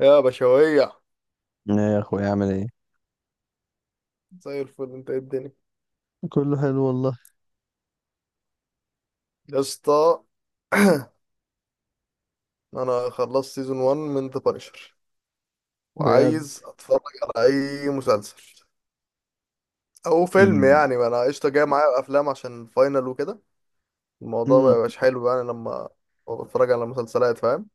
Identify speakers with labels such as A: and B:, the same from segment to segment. A: يا بشوية،
B: ايه يا اخويا اعمل ايه؟
A: زي الفل. انت ايه الدنيا؟
B: كله حلو والله.
A: يا اسطى. انا خلصت سيزون 1 من ذا بانشر،
B: بجد.
A: وعايز اتفرج على اي مسلسل او فيلم.
B: امم
A: يعني ما انا قشطه جاي معايا افلام عشان فاينل وكده. الموضوع ما
B: امم
A: يبقاش حلو يعني لما بتفرج على مسلسلات، فاهم؟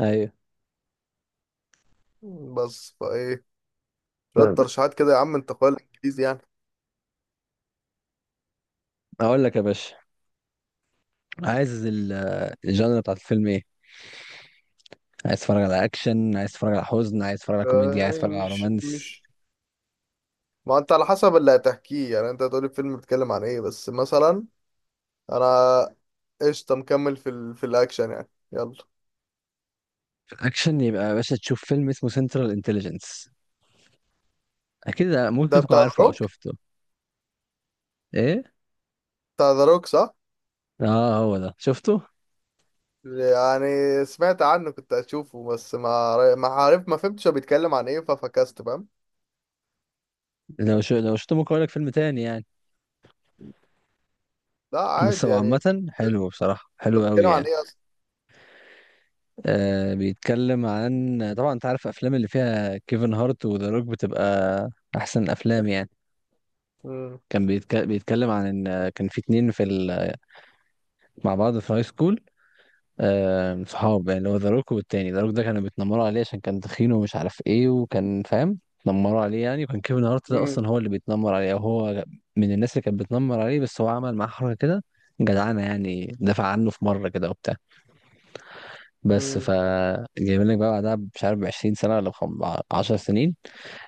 B: ايوه
A: بس فايه شويه
B: طيب.
A: ترشيحات كده يا عم، انت اخويا الانجليزي يعني.
B: اقول لك يا باشا، عايز الجانرا بتاعت الفيلم ايه؟ عايز تتفرج على اكشن، عايز تتفرج على حزن، عايز تتفرج
A: ف-
B: على كوميديا، عايز
A: يعني
B: تتفرج على
A: مش
B: رومانس؟
A: مش ما انت على حسب اللي هتحكيه. يعني انت هتقولي الفيلم بيتكلم عن ايه بس مثلا. انا قشطة مكمل في الأكشن يعني، يلا.
B: في الاكشن يبقى يا باشا تشوف فيلم اسمه سنترال انتليجنس. اكيد ممكن
A: ده
B: تكون
A: بتاع ذا
B: عارفه او
A: روك،
B: شفته. ايه؟
A: بتاع ذا روك صح؟
B: اه هو ده شفته.
A: يعني سمعت عنه كنت أشوفه، بس ما عارف، ما فهمتش هو بيتكلم عن إيه ففكست، فاهم؟
B: لو شو لو شفته ممكن اقول لك فيلم تاني يعني.
A: لا
B: بس
A: عادي
B: هو
A: يعني.
B: عامه حلو، بصراحه
A: طب
B: حلو قوي
A: بيتكلم عن
B: يعني.
A: إيه أصلا؟
B: بيتكلم عن، طبعا انت عارف الافلام اللي فيها كيفن هارت وذا روك بتبقى احسن افلام يعني.
A: مم.
B: بيتكلم عن ان كان في اتنين مع بعض في هاي سكول. آه، صحاب يعني، اللي هو ذا روك والتاني، ذا روك ده كانوا بيتنمروا عليه عشان كان تخين ومش عارف ايه، وكان، فاهم، اتنمروا عليه يعني. وكان كيفن هارت ده
A: مم.
B: اصلا هو اللي بيتنمر عليه، او هو من الناس اللي كانت بتنمر عليه، بس هو عمل معاه حركة كده جدعانة يعني، دافع عنه في مرة كده وبتاع. بس
A: مم.
B: ف، جايبين لك بقى بعدها، مش عارف 20 سنة ولا 10 سنين،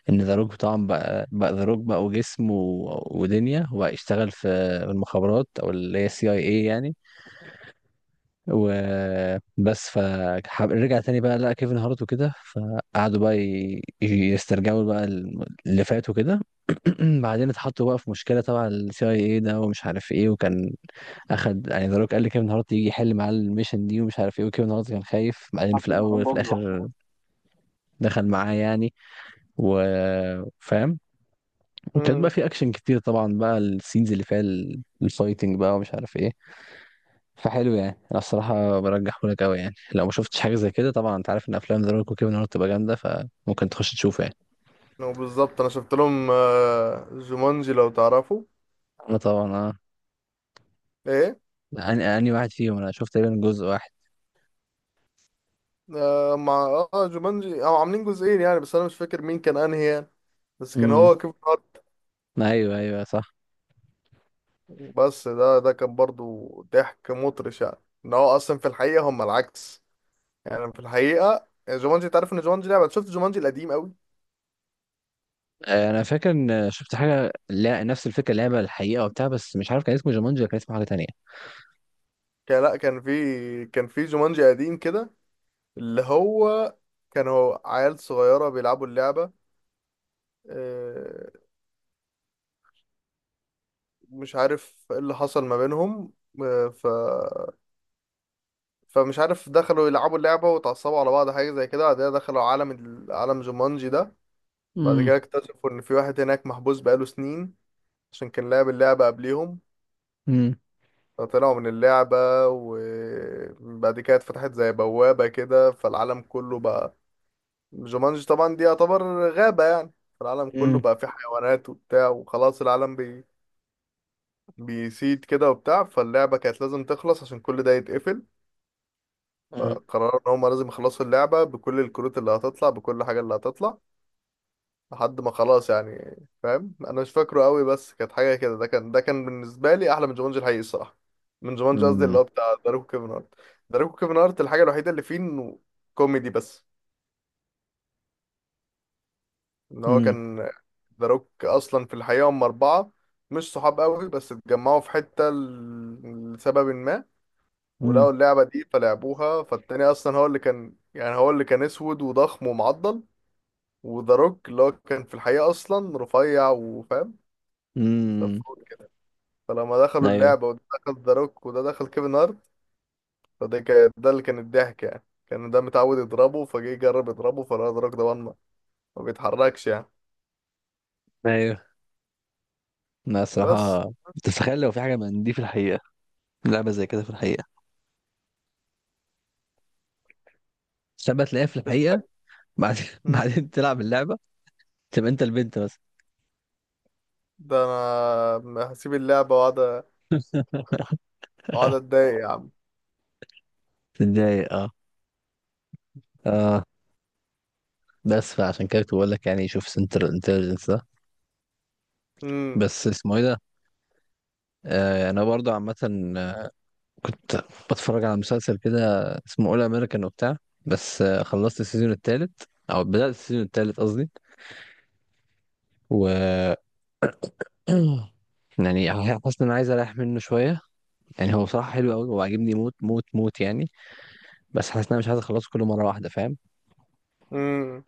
B: ان ذا روك طبعا بقى بقى ذا روك بقى، وجسم ودنيا، وبقى يشتغل في المخابرات، او اللي هي السي اي اي يعني. وبس ف، رجع تاني بقى لقى كيفن هارت وكده، فقعدوا بقى يسترجعوا بقى اللي فات وكده. بعدين اتحطوا بقى في مشكلة تبع السي اي اي ده ومش عارف ايه، وكان اخد يعني، ذا روك قال لي كيفن هارت يجي يحل معاه الميشن دي ومش عارف ايه. وكيفن هارت كان خايف بعدين، في الاول، في الاخر دخل معاه يعني، وفاهم. وكانت بقى
A: مم.
B: في اكشن كتير طبعا بقى، السينز اللي فيها الفايتنج بقى ومش عارف ايه. فحلو يعني. انا الصراحه برجحه لك قوي يعني، لو ما شفتش حاجه زي كده. طبعا انت عارف ان افلام ذا روك وكيفن هارت بتبقى جامده، فممكن تخش تشوفه يعني.
A: هو بالظبط أنا شفت لهم، جومانجي لو تعرفوا.
B: انا طبعا اه.
A: إيه؟
B: اني واحد فيهم، انا شفت تقريبا جزء واحد.
A: مع جومانجي، أو عاملين جزئين يعني، بس أنا مش فاكر مين كان أنهي يعني، بس كان
B: امم.
A: هو كيف.
B: ايوه، صح.
A: بس ده كان برضو ضحك مطرش يعني. ان هو اصلا في الحقيقه هم العكس. يعني في الحقيقه جومانجي، انت عارف ان جومانجي لعبه؟ شفت جومانجي القديم قوي.
B: آه، انا فاكر ان شفت حاجه، لا نفس الفكره، لعبه الحقيقه وبتاع، بس مش عارف كان اسمه جومانجي ولا كان اسمه حاجه تانية.
A: كان، لا، كان في جومانجي قديم كده، اللي هو كانوا عيال صغيره بيلعبوا اللعبه. آه، مش عارف ايه اللي حصل ما بينهم. آه، ف فمش عارف، دخلوا يلعبوا اللعبه وتعصبوا على بعض حاجه زي كده. بعد كده دخلوا عالم عالم جومانجي ده. بعد كده
B: امم
A: اكتشفوا ان في واحد هناك محبوس بقاله سنين، عشان كان لعب اللعبة قبليهم.
B: امم
A: فطلعوا من اللعبة، وبعد كده اتفتحت زي بوابة كده، فالعالم كله بقى جومانجي. طبعا دي يعتبر غابة يعني، فالعالم كله
B: امم
A: بقى فيه حيوانات وبتاع، وخلاص العالم بيسيد كده وبتاع. فاللعبة كانت لازم تخلص عشان كل ده يتقفل. فقرروا ان هما لازم يخلصوا اللعبة بكل الكروت اللي هتطلع، بكل حاجة اللي هتطلع، لحد ما خلاص يعني. فاهم؟ انا مش فاكره قوي بس كانت حاجه كده. ده كان بالنسبه لي احلى من جومانجي الحقيقي الصراحه. من جومانجي قصدي اللي
B: امم
A: هو بتاع داروكو كيفن هارت. داروكو كيفن هارت، الحاجه الوحيده اللي فيه انه كوميدي بس. ان هو كان داروك اصلا في الحقيقه هم اربعه، مش صحاب قوي بس اتجمعوا في حته لسبب ما،
B: امم
A: ولقوا اللعبه دي فلعبوها. فالتاني اصلا هو اللي كان يعني، هو اللي كان اسود وضخم ومعضل. وداروك اللي هو كان في الحقيقه اصلا رفيع وفاهم،
B: امم
A: صفور. فلما دخلوا
B: ايوه
A: اللعبة، وده دخل ذا روك وده دخل كيفن هارت، فده كان ده اللي كان الضحك يعني. كان ده متعود يضربه، فجه يجرب يضربه فلقى ذا روك ده ما بيتحركش يعني.
B: ايوه. لا
A: بس
B: الصراحه، تتخيل لو في حاجه من دي في الحقيقه، لعبه زي كده في الحقيقه، سبت تلاقيها في
A: في
B: الحقيقه،
A: الحقيقة.
B: بعد
A: مم.
B: بعدين تلعب اللعبه، تبقى انت البنت بس.
A: ده انا هسيب اللعبة واقعد، اقعد اتضايق يا عم.
B: تتضايق اه. اه. بس فعشان كده كنت بقول لك يعني، شوف سنتر انتليجنس ده.
A: امم
B: بس اسمه ايه ده؟ آه انا برضه عامه، آه، كنت بتفرج على مسلسل كده اسمه اول امريكان وبتاع. بس آه، خلصت السيزون الثالث، او بدأت السيزون الثالث قصدي. و، يعني، حاسس ان انا عايز اريح منه شويه. يعني هو بصراحه حلو قوي، هو عاجبني موت موت موت يعني. بس حاسس ان انا مش عايز اخلصه كله مره واحده، فاهم.
A: امم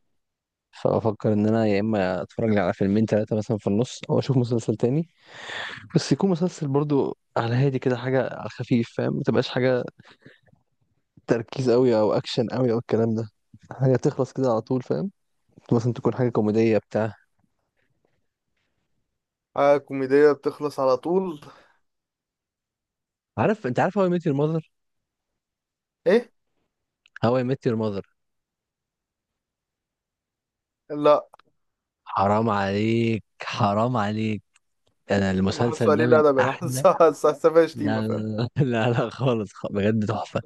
B: فافكر ان انا يا اما اتفرج لي على فيلمين ثلاثه مثلا في النص، او اشوف مسلسل تاني. بس يكون مسلسل برضو على هادي كده، حاجه على الخفيف فاهم، ما تبقاش حاجه تركيز قوي او اكشن قوي او الكلام ده. حاجه تخلص كده على طول فاهم، مثلا تكون حاجه كوميديه بتاع
A: حاجة كوميدية بتخلص على طول.
B: عارف، انت عارف هواي ميت يور ماذر؟
A: ايه.
B: هواي ميت يور ماذر.
A: لا،
B: حرام عليك، حرام عليك. انا
A: انا حاسه
B: المسلسل ده
A: قليل
B: من
A: ادب انا
B: احلى.
A: حاسه حاسه حاسه شتيمة،
B: لا
A: فاهم؟
B: لا لا لا لا خالص، بجد تحفة.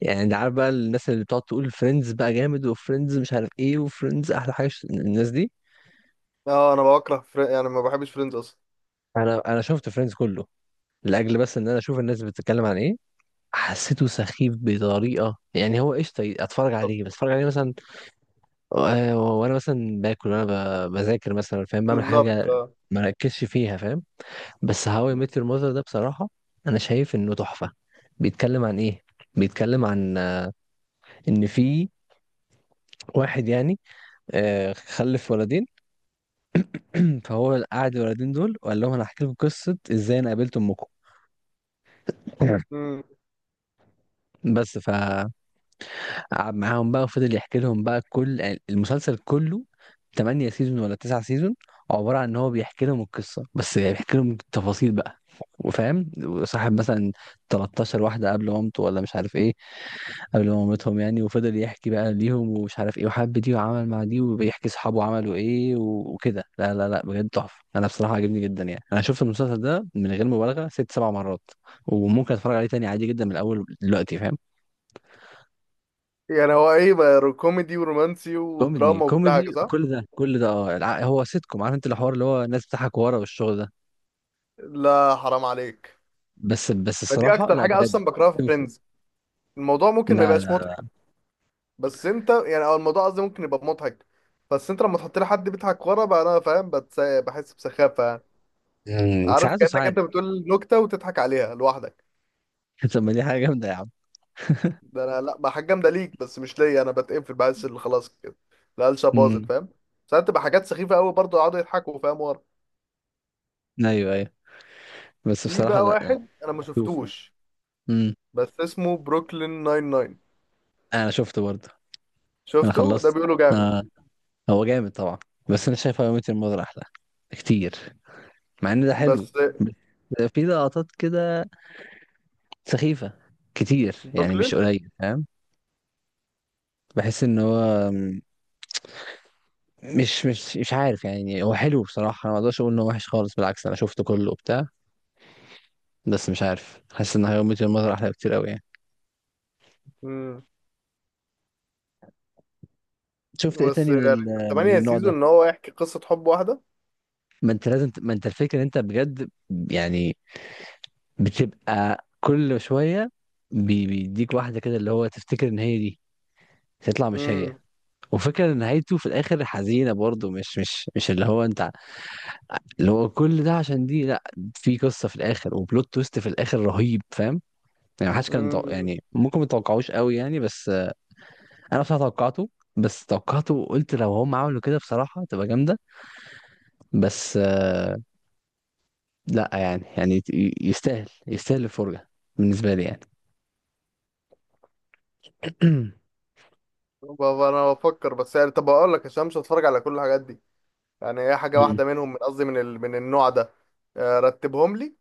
B: يعني انت عارف بقى الناس اللي بتقعد تقول فريندز بقى جامد، وفريندز مش عارف ايه، وفريندز احلى حاجة، الناس دي.
A: اه انا يعني ما بحبش فريندز اصلا.
B: انا شفت فريندز كله، لاجل بس ان انا اشوف الناس بتتكلم عن ايه. حسيته سخيف بطريقة، يعني هو قشطة اتفرج
A: طب.
B: عليه بس، اتفرج عليه مثلا آه، وانا مثلا باكل وانا بذاكر مثلا فاهم، بعمل
A: بالظبط،
B: حاجة
A: اه.
B: ما ركزش فيها فاهم. بس هاو اي ميت يور ماذر ده بصراحة انا شايف انه تحفة. بيتكلم عن ايه؟ بيتكلم عن آه، ان في واحد يعني آه، خلف ولدين. فهو قعد الولدين دول وقال لهم انا هحكي لكم قصه ازاي انا قابلت امكم.
A: مم.
B: بس فقعد معاهم بقى وفضل يحكي لهم بقى كل، يعني المسلسل كله 8 سيزون ولا 9 سيزون، عباره عن ان هو بيحكي لهم القصه، بس يعني بيحكي لهم التفاصيل بقى، وفاهم وصاحب مثلا 13 واحده قبل مامته ولا مش عارف ايه، قبل مامتهم يعني. وفضل يحكي بقى ليهم ومش عارف ايه، وحب دي وعمل مع دي، وبيحكي صحابه عملوا ايه وكده. لا، بجد تحفة، انا بصراحة عجبني جدا يعني. انا شفت المسلسل ده من غير مبالغة ست سبع مرات، وممكن اتفرج عليه تاني عادي جدا من الاول دلوقتي فاهم.
A: يعني هو ايه بقى، كوميدي ورومانسي
B: كوميدي
A: ودراما وكل حاجه،
B: كوميدي
A: صح؟
B: كل ده كل ده اه، هو سيت كوم، عارف انت، الحوار اللي هو الناس بتضحك ورا والشغل ده.
A: لا حرام عليك،
B: بس
A: دي
B: الصراحة
A: اكتر
B: لا،
A: حاجه
B: بجد.
A: اصلا بكرهها في
B: شوفوا.
A: فريندز. الموضوع ممكن ما
B: لا
A: يبقاش مضحك،
B: لا.
A: بس انت يعني، او الموضوع قصدي ممكن يبقى مضحك، بس انت لما تحط لي حد بيضحك ورا بقى، انا فاهم، بحس بسخافه يعني.
B: مم،
A: عارف؟
B: ساعات
A: كانك
B: وساعات.
A: انت بتقول نكته وتضحك عليها لوحدك.
B: طب ما دي حاجة جامدة يا عم.
A: ده انا لا بقى، حاجه جامده ليك بس مش ليا. انا بتقفل، بحس اللي خلاص كده القلشه باظت،
B: امم.
A: فاهم؟ ساعات تبقى حاجات سخيفه قوي برضه يقعدوا يضحكوا، فاهم، ورا.
B: ايوه، بس
A: في
B: بصراحة
A: بقى
B: لا.
A: واحد انا ما
B: شوفوا.
A: شفتوش،
B: امم.
A: بس اسمه بروكلين 99.
B: انا شفته برضه. انا
A: شفته؟ ده
B: خلصت.
A: بيقولوا جامد.
B: آه. هو جامد طبعا، بس انا شايف هاو ميت الموضوع احلى كتير، مع ان ده حلو.
A: بس
B: بس في لقطات كده سخيفة كتير يعني، مش
A: بروكلين.
B: قليل فاهم. بحس ان هو مش عارف يعني. هو حلو بصراحة، انا ما اقدرش اقول انه وحش خالص، بالعكس انا شفته كله وبتاع. بس مش عارف، حاسس ان هاو ميت الموضوع احلى كتير قوي يعني.
A: مم.
B: شفت ايه
A: بس
B: تاني من
A: يعني
B: من
A: تمانية
B: النوع
A: سيزون
B: ده؟
A: ان هو يحكي قصة حب واحدة.
B: ما انت لازم ما انت الفكرة ان انت بجد، يعني، بتبقى كل شوية بيديك واحدة كده اللي هو تفتكر ان هي دي، تطلع مش هي.
A: امم
B: وفكرة ان نهايته في الاخر حزينة برضه، مش اللي هو انت، اللي هو كل ده عشان دي لا، في قصة في الاخر وبلوت تويست في الاخر رهيب فاهم. يعني محدش كان
A: امم
B: يعني ممكن متوقعوش قوي يعني، بس آه، انا بصراحة توقعته. بس توقعته وقلت لو هم عملوا كده بصراحة تبقى جامدة. بس آه، لا يعني، يستاهل، يستاهل الفرجة بالنسبة لي يعني.
A: بابا انا بفكر بس يعني. طب اقول لك، عشان مش هتفرج على كل الحاجات دي، يعني هي حاجة
B: مم.
A: واحدة منهم، من قصدي، من النوع ده. رتبهم لي.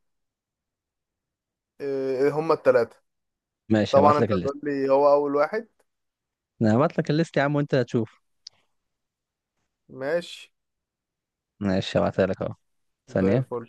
A: هما التلاتة.
B: ماشي
A: طبعا
B: هبعت
A: انت
B: لك.
A: هتقول لي هو اول واحد.
B: انا هبعت لك الليست يا عم وانت هتشوف.
A: ماشي.
B: ماشي، هبعتها لك اهو.
A: زي
B: ثانية.
A: الفل.